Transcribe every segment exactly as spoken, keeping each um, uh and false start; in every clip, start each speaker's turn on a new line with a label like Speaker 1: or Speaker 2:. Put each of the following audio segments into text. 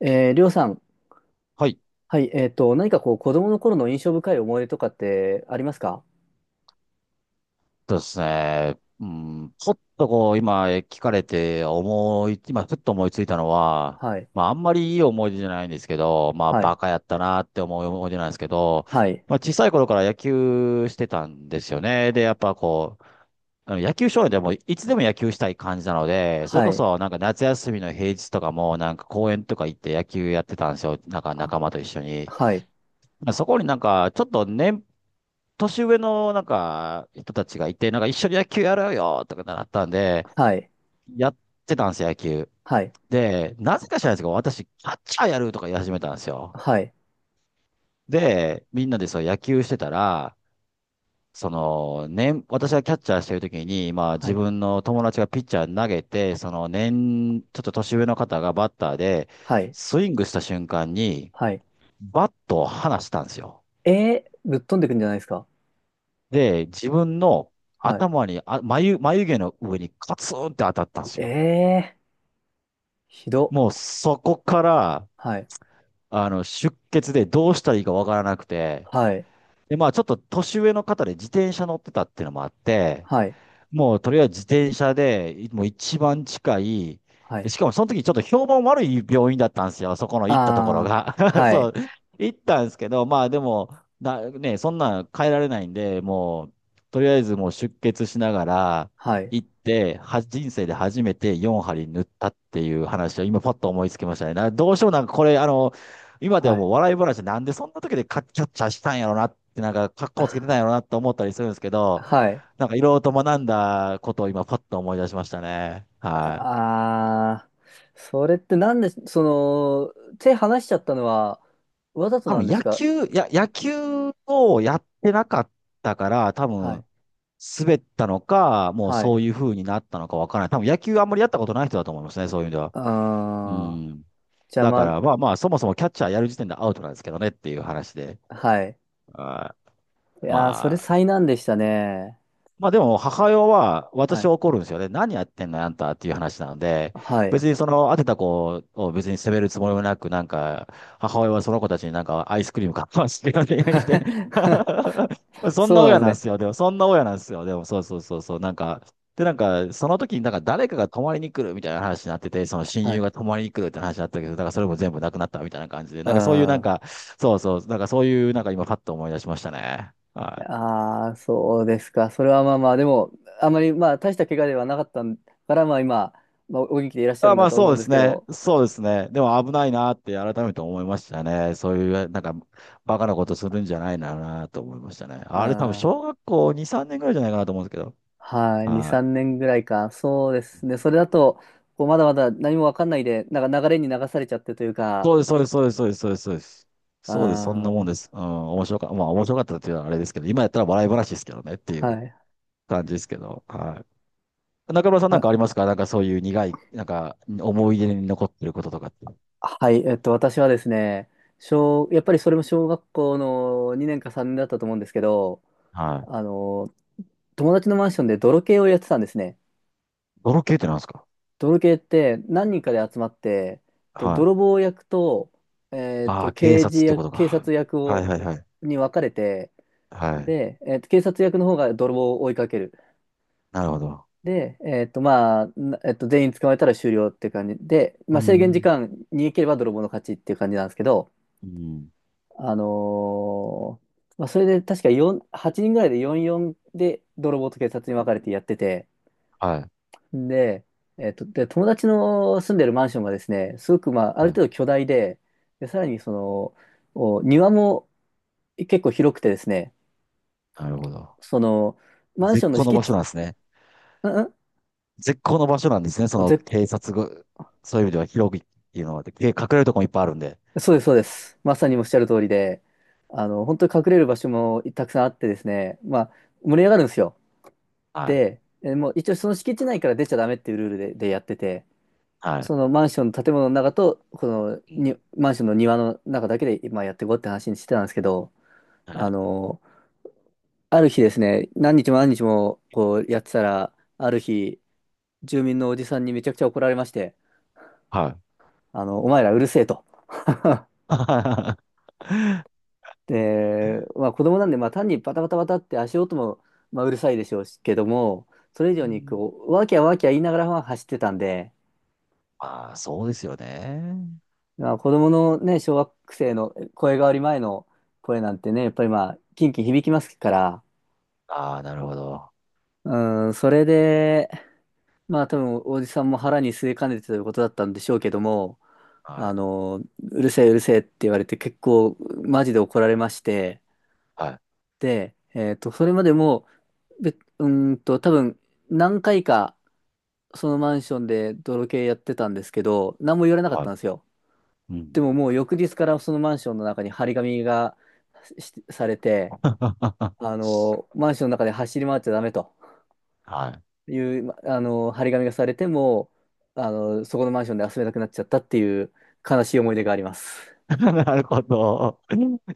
Speaker 1: えー、りょうさん、
Speaker 2: はい。
Speaker 1: はい、えっと、何かこう、子供の頃の印象深い思い出とかってありますか？
Speaker 2: そうですね。うん、ちょっとこう、今聞かれて思い、今ふっと思いついたのは、
Speaker 1: はい。
Speaker 2: まああんまりいい思い出じゃないんですけど、まあ
Speaker 1: はい。
Speaker 2: バカやったなって思う思い出なんですけど、
Speaker 1: はい。
Speaker 2: まあ小さい頃から野球してたんですよね。で、やっぱこう、あの野球少年でもいつでも野球したい感じなので、それ
Speaker 1: は
Speaker 2: こ
Speaker 1: い。
Speaker 2: そなんか夏休みの平日とかもなんか公園とか行って野球やってたんですよ。なんか
Speaker 1: あ、
Speaker 2: 仲間と一緒に。
Speaker 1: はい。
Speaker 2: まあそこになんかちょっと年年上のなんか人たちがいて、なんか一緒に野球やろうよとかなったんで、
Speaker 1: はい。
Speaker 2: やってたんですよ、野球。
Speaker 1: はい。
Speaker 2: で、なぜか知らないですけど、私、キャッチャーやるとか言い始めたんですよ。
Speaker 1: はい。
Speaker 2: で、みんなでそう野球してたら、その、年、私がキャッチャーしてる時に、まあ
Speaker 1: は
Speaker 2: 自
Speaker 1: い。
Speaker 2: 分の友達がピッチャー投げて、その年、ちょっと年上の方がバッターで、
Speaker 1: はい。
Speaker 2: スイングした瞬間に、
Speaker 1: はい。
Speaker 2: バットを離したんですよ。
Speaker 1: えー、ぶっ飛んでくんじゃないですか？
Speaker 2: で、自分の
Speaker 1: はい。
Speaker 2: 頭に、あ、眉、眉毛の上にカツンって当たったんです
Speaker 1: え
Speaker 2: よ。
Speaker 1: ー、ひど。
Speaker 2: もうそこから、
Speaker 1: はい。
Speaker 2: あの、出血でどうしたらいいかわからなくて、
Speaker 1: はい。
Speaker 2: で、まあちょっと年上の方で自転車乗ってたっていうのもあって、
Speaker 1: はい。
Speaker 2: もうとりあえず自転車で、いもう一番近い、
Speaker 1: は
Speaker 2: で、
Speaker 1: い。
Speaker 2: しかもその時ちょっと評判悪い病院だったんですよ、そこの行ったところ
Speaker 1: あー、
Speaker 2: が。
Speaker 1: は
Speaker 2: そ
Speaker 1: い。
Speaker 2: う、行ったんですけど、まあでも、な、ね、そんなん変えられないんで、もう、とりあえずもう出血しながら
Speaker 1: はい。
Speaker 2: 行って、は、人生で初めてよんはり縫ったっていう話を今パッと思いつきましたね。な、どうしてもなんかこれ、あの、今で
Speaker 1: は
Speaker 2: は
Speaker 1: い。
Speaker 2: もう笑い話でなんでそんな時でカッキャッチャしたんやろなって、なんか格好つけ て
Speaker 1: あ、
Speaker 2: たんやろなって思ったりするんですけど、
Speaker 1: はい。
Speaker 2: なんかいろいろと学んだことを今パッと思い出しましたね。はい。
Speaker 1: ああ、それってなんで、その、手離しちゃったのは、わざと
Speaker 2: 多
Speaker 1: なん
Speaker 2: 分
Speaker 1: です
Speaker 2: 野
Speaker 1: か？
Speaker 2: 球、や、野球をやってなかったから、多
Speaker 1: は
Speaker 2: 分
Speaker 1: い。
Speaker 2: 滑ったのか、もう
Speaker 1: は
Speaker 2: そ
Speaker 1: い。
Speaker 2: ういう風になったのかわからない。多分野球あんまりやったことない人だと思いますね、そういう意味では。う
Speaker 1: ああ、
Speaker 2: ん。
Speaker 1: 邪
Speaker 2: だか
Speaker 1: 魔、
Speaker 2: らまあまあ、そもそもキャッチャーやる時点でアウトなんですけどねっていう話で。
Speaker 1: はい。
Speaker 2: あー
Speaker 1: いやー、それ
Speaker 2: まあ、
Speaker 1: 災難でしたね。
Speaker 2: まあでも、母親は、
Speaker 1: は
Speaker 2: 私
Speaker 1: い。
Speaker 2: は怒るんですよね。何やってんのよあんたっていう話なので、
Speaker 1: はい。
Speaker 2: 別にその、当てた子を別に責めるつもりもなく、なんか、母親はその子たちになんかアイスクリーム買わしてよね、言うて そん
Speaker 1: そ
Speaker 2: な
Speaker 1: うなんで
Speaker 2: 親
Speaker 1: す
Speaker 2: なんで
Speaker 1: ね。
Speaker 2: すよ。でも、そんな親なんですよ。でも、そうそうそうそう。なんか、で、なんか、その時になんか誰かが泊まりに来るみたいな話になってて、その親
Speaker 1: は
Speaker 2: 友
Speaker 1: い。
Speaker 2: が泊まりに来るって話になったけど、だからそれも全部なくなったみたいな感じで、なんかそういうなん
Speaker 1: あ
Speaker 2: か、そうそう、なんかそういうなんか今パッと思い出しましたね。はい。
Speaker 1: あー、そうですか。それはまあまあ、でも、あまり、まあ、大した怪我ではなかったから、まあ今、まあ、お元気でいらっしゃる
Speaker 2: あ、
Speaker 1: んだ
Speaker 2: まあ
Speaker 1: と思
Speaker 2: そ
Speaker 1: うん
Speaker 2: うで
Speaker 1: です
Speaker 2: す
Speaker 1: け
Speaker 2: ね。
Speaker 1: ど、
Speaker 2: そうですね。でも危ないなって改めて思いましたね。そういう、なんか、バカなことするんじゃないななと思いましたね。
Speaker 1: あ
Speaker 2: あれ多分小
Speaker 1: ー、
Speaker 2: 学校に、さんねんぐらいじゃないかなと思うんですけど。
Speaker 1: はい、に、
Speaker 2: は
Speaker 1: 3
Speaker 2: い。
Speaker 1: 年ぐらいか。そうですね。それだと、こうまだまだ何もわかんないで、なんか流れに流されちゃってというか、
Speaker 2: そうです、そうです、そうです、そうです、そうです。そうです、
Speaker 1: あ
Speaker 2: そうですそんなもんです。
Speaker 1: ー、
Speaker 2: うん、面白か、まあ面白かったっていうのはあれですけど、今やったら笑い話ですけどねってい
Speaker 1: は
Speaker 2: う
Speaker 1: い。
Speaker 2: 感じですけど。はい。中村さんなん
Speaker 1: あ、
Speaker 2: かありますか、なんかそういう苦い、なんか思い出に残ってることとかって。
Speaker 1: はい、えっと、私はですね、小、やっぱりそれも小学校のにねんかさんねんだったと思うんですけど、
Speaker 2: は
Speaker 1: あ
Speaker 2: い。
Speaker 1: の、友達のマンションで泥系をやってたんですね。
Speaker 2: 泥系ってなんですか。
Speaker 1: 泥系って何人かで集まって、と
Speaker 2: は
Speaker 1: 泥
Speaker 2: い。
Speaker 1: 棒役と、えっ
Speaker 2: あ
Speaker 1: と、
Speaker 2: あ、警
Speaker 1: 刑
Speaker 2: 察
Speaker 1: 事
Speaker 2: ってこ
Speaker 1: 役、
Speaker 2: と
Speaker 1: 警
Speaker 2: か。
Speaker 1: 察役
Speaker 2: はい
Speaker 1: を、
Speaker 2: はいはい。
Speaker 1: に分かれて、
Speaker 2: はい。
Speaker 1: で、えっと、警察役の方が泥棒を追いかける。
Speaker 2: なるほど。
Speaker 1: で、えっと、まあ、なえっと、全員捕まえたら終了っていう感じで、ま
Speaker 2: う
Speaker 1: あ、制限時
Speaker 2: ん。
Speaker 1: 間逃げければ泥棒の勝ちっていう感じなんですけど、
Speaker 2: うん。
Speaker 1: あのーまあ、それで確かよん、はちにんぐらいでよんたいよんで泥棒と警察に分かれてやってて、
Speaker 2: はい。
Speaker 1: で、えっと、で、友達の住んでるマンションがですね、すごく、まあ、ある
Speaker 2: はい。
Speaker 1: 程度巨大で、で、さらにその、お庭も結構広くてですね、
Speaker 2: なるほど。
Speaker 1: その、マンショ
Speaker 2: 絶
Speaker 1: ンの
Speaker 2: 好の
Speaker 1: 敷
Speaker 2: 場所な
Speaker 1: 地、
Speaker 2: んですね。
Speaker 1: うん、
Speaker 2: 絶好の場所なんですね。そ
Speaker 1: うん
Speaker 2: の
Speaker 1: 絶
Speaker 2: 警察が、そういう意味では広くっていうのは、で、隠れるとこもいっぱいあるんで。
Speaker 1: そうです、そうです。まさにおっしゃる通りで、あの、本当に隠れる場所もたくさんあってですね、まあ、盛り上がるんですよ。
Speaker 2: はい。
Speaker 1: で、えもう一応その敷地内から出ちゃダメっていうルールで、でやってて、
Speaker 2: はい。
Speaker 1: そのマンションの建物の中と、この
Speaker 2: うん。
Speaker 1: に、マンションの庭の中だけで今やっていこうって話にしてたんですけど、
Speaker 2: は
Speaker 1: あ
Speaker 2: い。
Speaker 1: の、ある日ですね、何日も何日もこうやってたら、ある日、住民のおじさんにめちゃくちゃ怒られまして、
Speaker 2: はい。
Speaker 1: あの、お前らうるせえと。で、まあ子供なんで、まあ単にバタバタバタって足音も、まあ、うるさいでしょうしけども、それ以
Speaker 2: う
Speaker 1: 上に
Speaker 2: ん。
Speaker 1: こう、ワーキャーワーキャー言いながらまあ走ってたんで、
Speaker 2: ああ、そうですよね。
Speaker 1: まあ子供のね、小学生の声変わり前の声なんてね、やっぱりまあ、キンキン響きますから、
Speaker 2: ああ、なるほど。
Speaker 1: うん、それで、まあ多分おじさんも腹に据えかねてということだったんでしょうけども、
Speaker 2: は
Speaker 1: あ
Speaker 2: い。
Speaker 1: の、うるせえうるせえって言われて結構マジで怒られまして、
Speaker 2: はい。
Speaker 1: で、えっと、それまでも、べ、うーんと、多分、何回か、そのマンションで泥系やってたんですけど、何も言われなかっ
Speaker 2: はい。
Speaker 1: たんですよ。
Speaker 2: う
Speaker 1: で
Speaker 2: ん。
Speaker 1: ももう翌日からそのマンションの中に張り紙がしされて、あの、マンションの中で走り回っちゃダメと
Speaker 2: はい。
Speaker 1: いう、まあの、張り紙がされても、あの、そこのマンションで遊べなくなっちゃったっていう悲しい思い出があります。
Speaker 2: なるほど。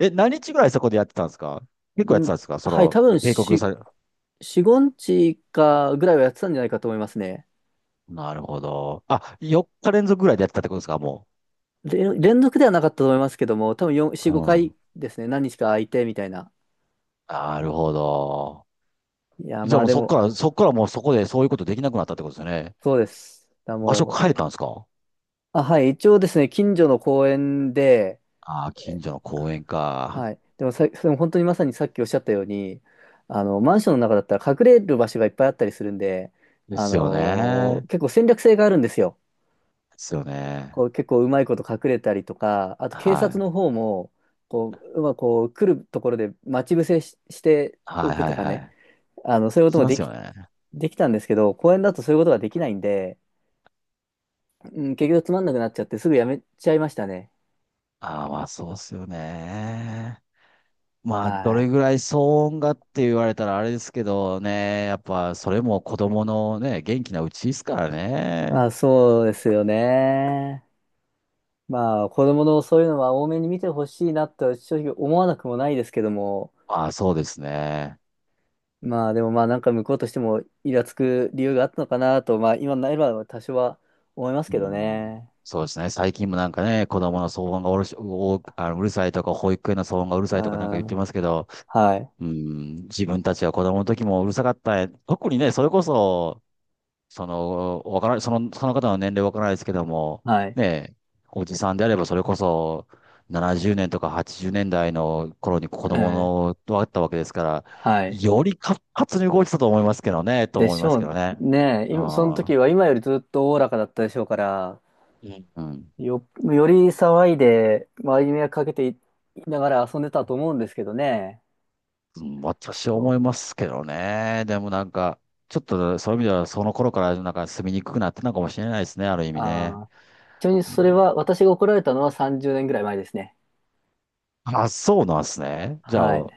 Speaker 2: え、何日ぐらいそこでやってたんですか？結構やって
Speaker 1: ん、
Speaker 2: たんですか、そ
Speaker 1: はい、多
Speaker 2: の、
Speaker 1: 分
Speaker 2: 警告
Speaker 1: し、
Speaker 2: され、
Speaker 1: よん、いつかかぐらいはやってたんじゃないかと思いますね。
Speaker 2: なるほど。あ、よっか連続ぐらいでやってたってことですか、も
Speaker 1: で、連続ではなかったと思いますけども、多分よん、
Speaker 2: う。
Speaker 1: よん、
Speaker 2: う
Speaker 1: ごかい
Speaker 2: ん。
Speaker 1: ですね。何日か空いてみたいな。
Speaker 2: なるほど。
Speaker 1: いや、
Speaker 2: じゃ
Speaker 1: ま
Speaker 2: あ
Speaker 1: あ
Speaker 2: もう
Speaker 1: で
Speaker 2: そっ
Speaker 1: も、
Speaker 2: から、そっからもうそこでそういうことできなくなったってことですよね。
Speaker 1: そうです。だ
Speaker 2: 場所
Speaker 1: も
Speaker 2: 変えたんですか。
Speaker 1: う、あ、はい、一応ですね、近所の公園で、
Speaker 2: ああー、近所の公園か。
Speaker 1: はい。でもさ、でも本当にまさにさっきおっしゃったように、あの、マンションの中だったら隠れる場所がいっぱいあったりするんで、
Speaker 2: で
Speaker 1: あ
Speaker 2: すよ
Speaker 1: のー
Speaker 2: ね。
Speaker 1: 結構戦略性があるんですよ。
Speaker 2: ですよね。
Speaker 1: こう結構うまいこと隠れたりとか、あと警
Speaker 2: は
Speaker 1: 察
Speaker 2: い。
Speaker 1: の方も、こう、うまくこう来るところで待ち伏せし、してお
Speaker 2: はい
Speaker 1: く
Speaker 2: は
Speaker 1: と
Speaker 2: い
Speaker 1: か
Speaker 2: は
Speaker 1: ね。
Speaker 2: い。
Speaker 1: あの、そういうこ
Speaker 2: 聞
Speaker 1: と
Speaker 2: き
Speaker 1: も
Speaker 2: ま
Speaker 1: で
Speaker 2: すよ
Speaker 1: き、
Speaker 2: ね。
Speaker 1: できたんですけど、公園だとそういうことができないんで、うん、結局つまんなくなっちゃってすぐやめちゃいましたね。
Speaker 2: ああ、まあそうですよね。まあ、ど
Speaker 1: は
Speaker 2: れ
Speaker 1: い。
Speaker 2: ぐらい騒音がって言われたらあれですけどね、やっぱそれも子供のね、元気なうちですから
Speaker 1: ま
Speaker 2: ね。
Speaker 1: あそうですよね。まあ子供のそういうのは多めに見てほしいなと正直思わなくもないですけども、
Speaker 2: まあ、そうですね。
Speaker 1: まあでもまあなんか向こうとしてもイラつく理由があったのかなと、まあ今なれば多少は思います
Speaker 2: う
Speaker 1: けど
Speaker 2: ん、
Speaker 1: ね。
Speaker 2: そうですね。最近もなんかね、子供の騒音がうるし、お、あの、うるさいとか、保育園の騒音がうる
Speaker 1: う
Speaker 2: さ
Speaker 1: ん。
Speaker 2: いとかなんか言って
Speaker 1: は
Speaker 2: ますけど、
Speaker 1: い。
Speaker 2: うん、自分たちは子供の時もうるさかった。特にね、それこそ、その、わからない、その、その方の年齢わからないですけども、
Speaker 1: はい。
Speaker 2: ねえ、おじさんであればそれこそななじゅうねんとかはちじゅうねんだいの頃に子供
Speaker 1: ええ、
Speaker 2: の、だったわけですから、
Speaker 1: はい。
Speaker 2: より活発に動いてたと思いますけどね、と
Speaker 1: で
Speaker 2: 思い
Speaker 1: し
Speaker 2: ます
Speaker 1: ょ
Speaker 2: け
Speaker 1: う
Speaker 2: どね。
Speaker 1: ね。
Speaker 2: う
Speaker 1: 今その
Speaker 2: ん。うん。
Speaker 1: 時は今よりずっとおおらかだったでしょうから、
Speaker 2: うん、
Speaker 1: よ、より騒いで、周りに迷惑かけていながら遊んでたと思うんですけどね。
Speaker 2: 私は
Speaker 1: そ
Speaker 2: 思いますけどね。でもなんか、ちょっとそういう意味ではその頃からなんか住みにくくなってたのかもしれないですね、ある意
Speaker 1: う。
Speaker 2: 味ね。
Speaker 1: ああ。ちなみに
Speaker 2: う
Speaker 1: それは、
Speaker 2: ん、
Speaker 1: 私が怒られたのはさんじゅうねんぐらい前ですね。
Speaker 2: あ、そうなんですね。じゃ
Speaker 1: はい。
Speaker 2: あ、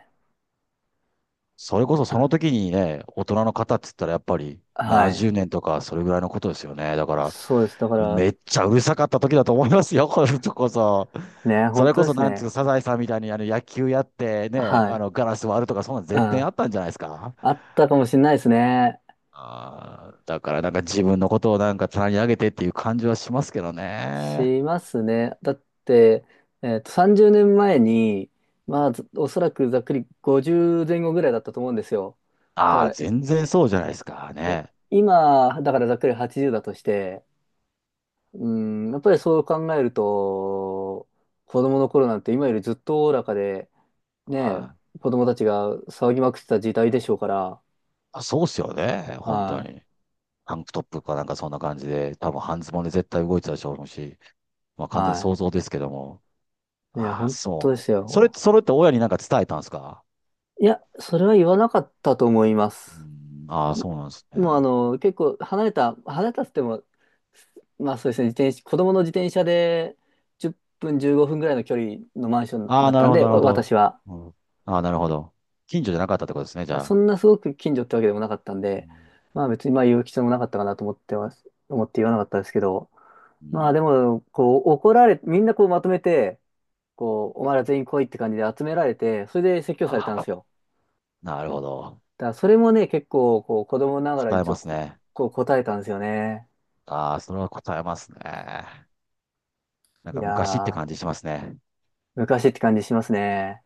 Speaker 2: それこそそ
Speaker 1: あ、
Speaker 2: の時にね、大人の方って言ったらやっぱり
Speaker 1: はい。
Speaker 2: ななじゅうねんとかそれぐらいのことですよね。だから、
Speaker 1: そうです。だから、
Speaker 2: めっちゃうるさかった時だと思いますよ、これこそ。
Speaker 1: ね、
Speaker 2: そ
Speaker 1: 本
Speaker 2: れ
Speaker 1: 当
Speaker 2: こ
Speaker 1: で
Speaker 2: そ
Speaker 1: す
Speaker 2: なんつう
Speaker 1: ね。
Speaker 2: か、サザエさんみたいにあの野球やってね、
Speaker 1: は
Speaker 2: あ
Speaker 1: い。
Speaker 2: のガラス割るとかそんなの
Speaker 1: うん。
Speaker 2: 絶対あったんじゃないですか。
Speaker 1: あったかもしれないですね。
Speaker 2: あーだからなんか自分のことをなんか棚に上げてっていう感じはしますけどね。
Speaker 1: しますね。だって、えっと、さんじゅうねんまえに、まあ、ずおそらくざっくりごじゅう前後ぐらいだったと思うんですよ。だ
Speaker 2: ああ、
Speaker 1: か
Speaker 2: 全然そうじゃないですか
Speaker 1: ら、え、
Speaker 2: ね。
Speaker 1: 今、だからざっくりはちじゅうだとして、うん、やっぱりそう考えると、子供の頃なんて今よりずっとおおらかで、ね
Speaker 2: はい。
Speaker 1: え、子供たちが騒ぎまくってた時代でしょうから、
Speaker 2: あ、そうっすよね、本当
Speaker 1: は
Speaker 2: に。タンクトップかなんかそんな感じで、多分半ズボンで絶対動いてたでしょうし。まあ
Speaker 1: い、
Speaker 2: 完全に
Speaker 1: は
Speaker 2: 想像ですけども。
Speaker 1: い。いや、
Speaker 2: ああ、
Speaker 1: 本
Speaker 2: そ
Speaker 1: 当
Speaker 2: う
Speaker 1: で
Speaker 2: ね。
Speaker 1: す
Speaker 2: それ、
Speaker 1: よ。
Speaker 2: それって親になんか伝えたんですか？
Speaker 1: いや、それは言わなかったと思いま
Speaker 2: う
Speaker 1: す。
Speaker 2: ん、ああ、そ
Speaker 1: も
Speaker 2: うなんです
Speaker 1: うあ
Speaker 2: ね。
Speaker 1: の、結構離れた、離れたっつっても、まあそうですね、自転車、子供の自転車でじゅっぷん、じゅうごふんぐらいの距離のマンション
Speaker 2: ああ、
Speaker 1: だっ
Speaker 2: な
Speaker 1: た
Speaker 2: る
Speaker 1: ん
Speaker 2: ほど、
Speaker 1: で、
Speaker 2: なる
Speaker 1: わ
Speaker 2: ほど。
Speaker 1: 私は。
Speaker 2: うん、ああ、なるほど。近所じゃなかったってことですね、じゃ
Speaker 1: そ
Speaker 2: あ。
Speaker 1: んなすごく近所ってわけでもなかったん
Speaker 2: う
Speaker 1: で、
Speaker 2: ん、
Speaker 1: まあ別にまあ言う必要もなかったかなと思ってます、思って言わなかったですけど、
Speaker 2: う
Speaker 1: まあ
Speaker 2: ん、
Speaker 1: でも、こう怒られ、みんなこうまとめて、こう、お前ら全員来いって感じで集められて、それで説教され
Speaker 2: あ
Speaker 1: たんで
Speaker 2: あ、
Speaker 1: すよ。
Speaker 2: なるほど。
Speaker 1: だからそれもね、結構こう子供ながら
Speaker 2: 答
Speaker 1: に
Speaker 2: え
Speaker 1: ちょ
Speaker 2: ま
Speaker 1: っと
Speaker 2: す
Speaker 1: こ
Speaker 2: ね。
Speaker 1: こう答えたんですよね。
Speaker 2: ああ、それは答えますね。なん
Speaker 1: い
Speaker 2: か昔って
Speaker 1: や
Speaker 2: 感
Speaker 1: ー。
Speaker 2: じしますね。
Speaker 1: 昔って感じしますね。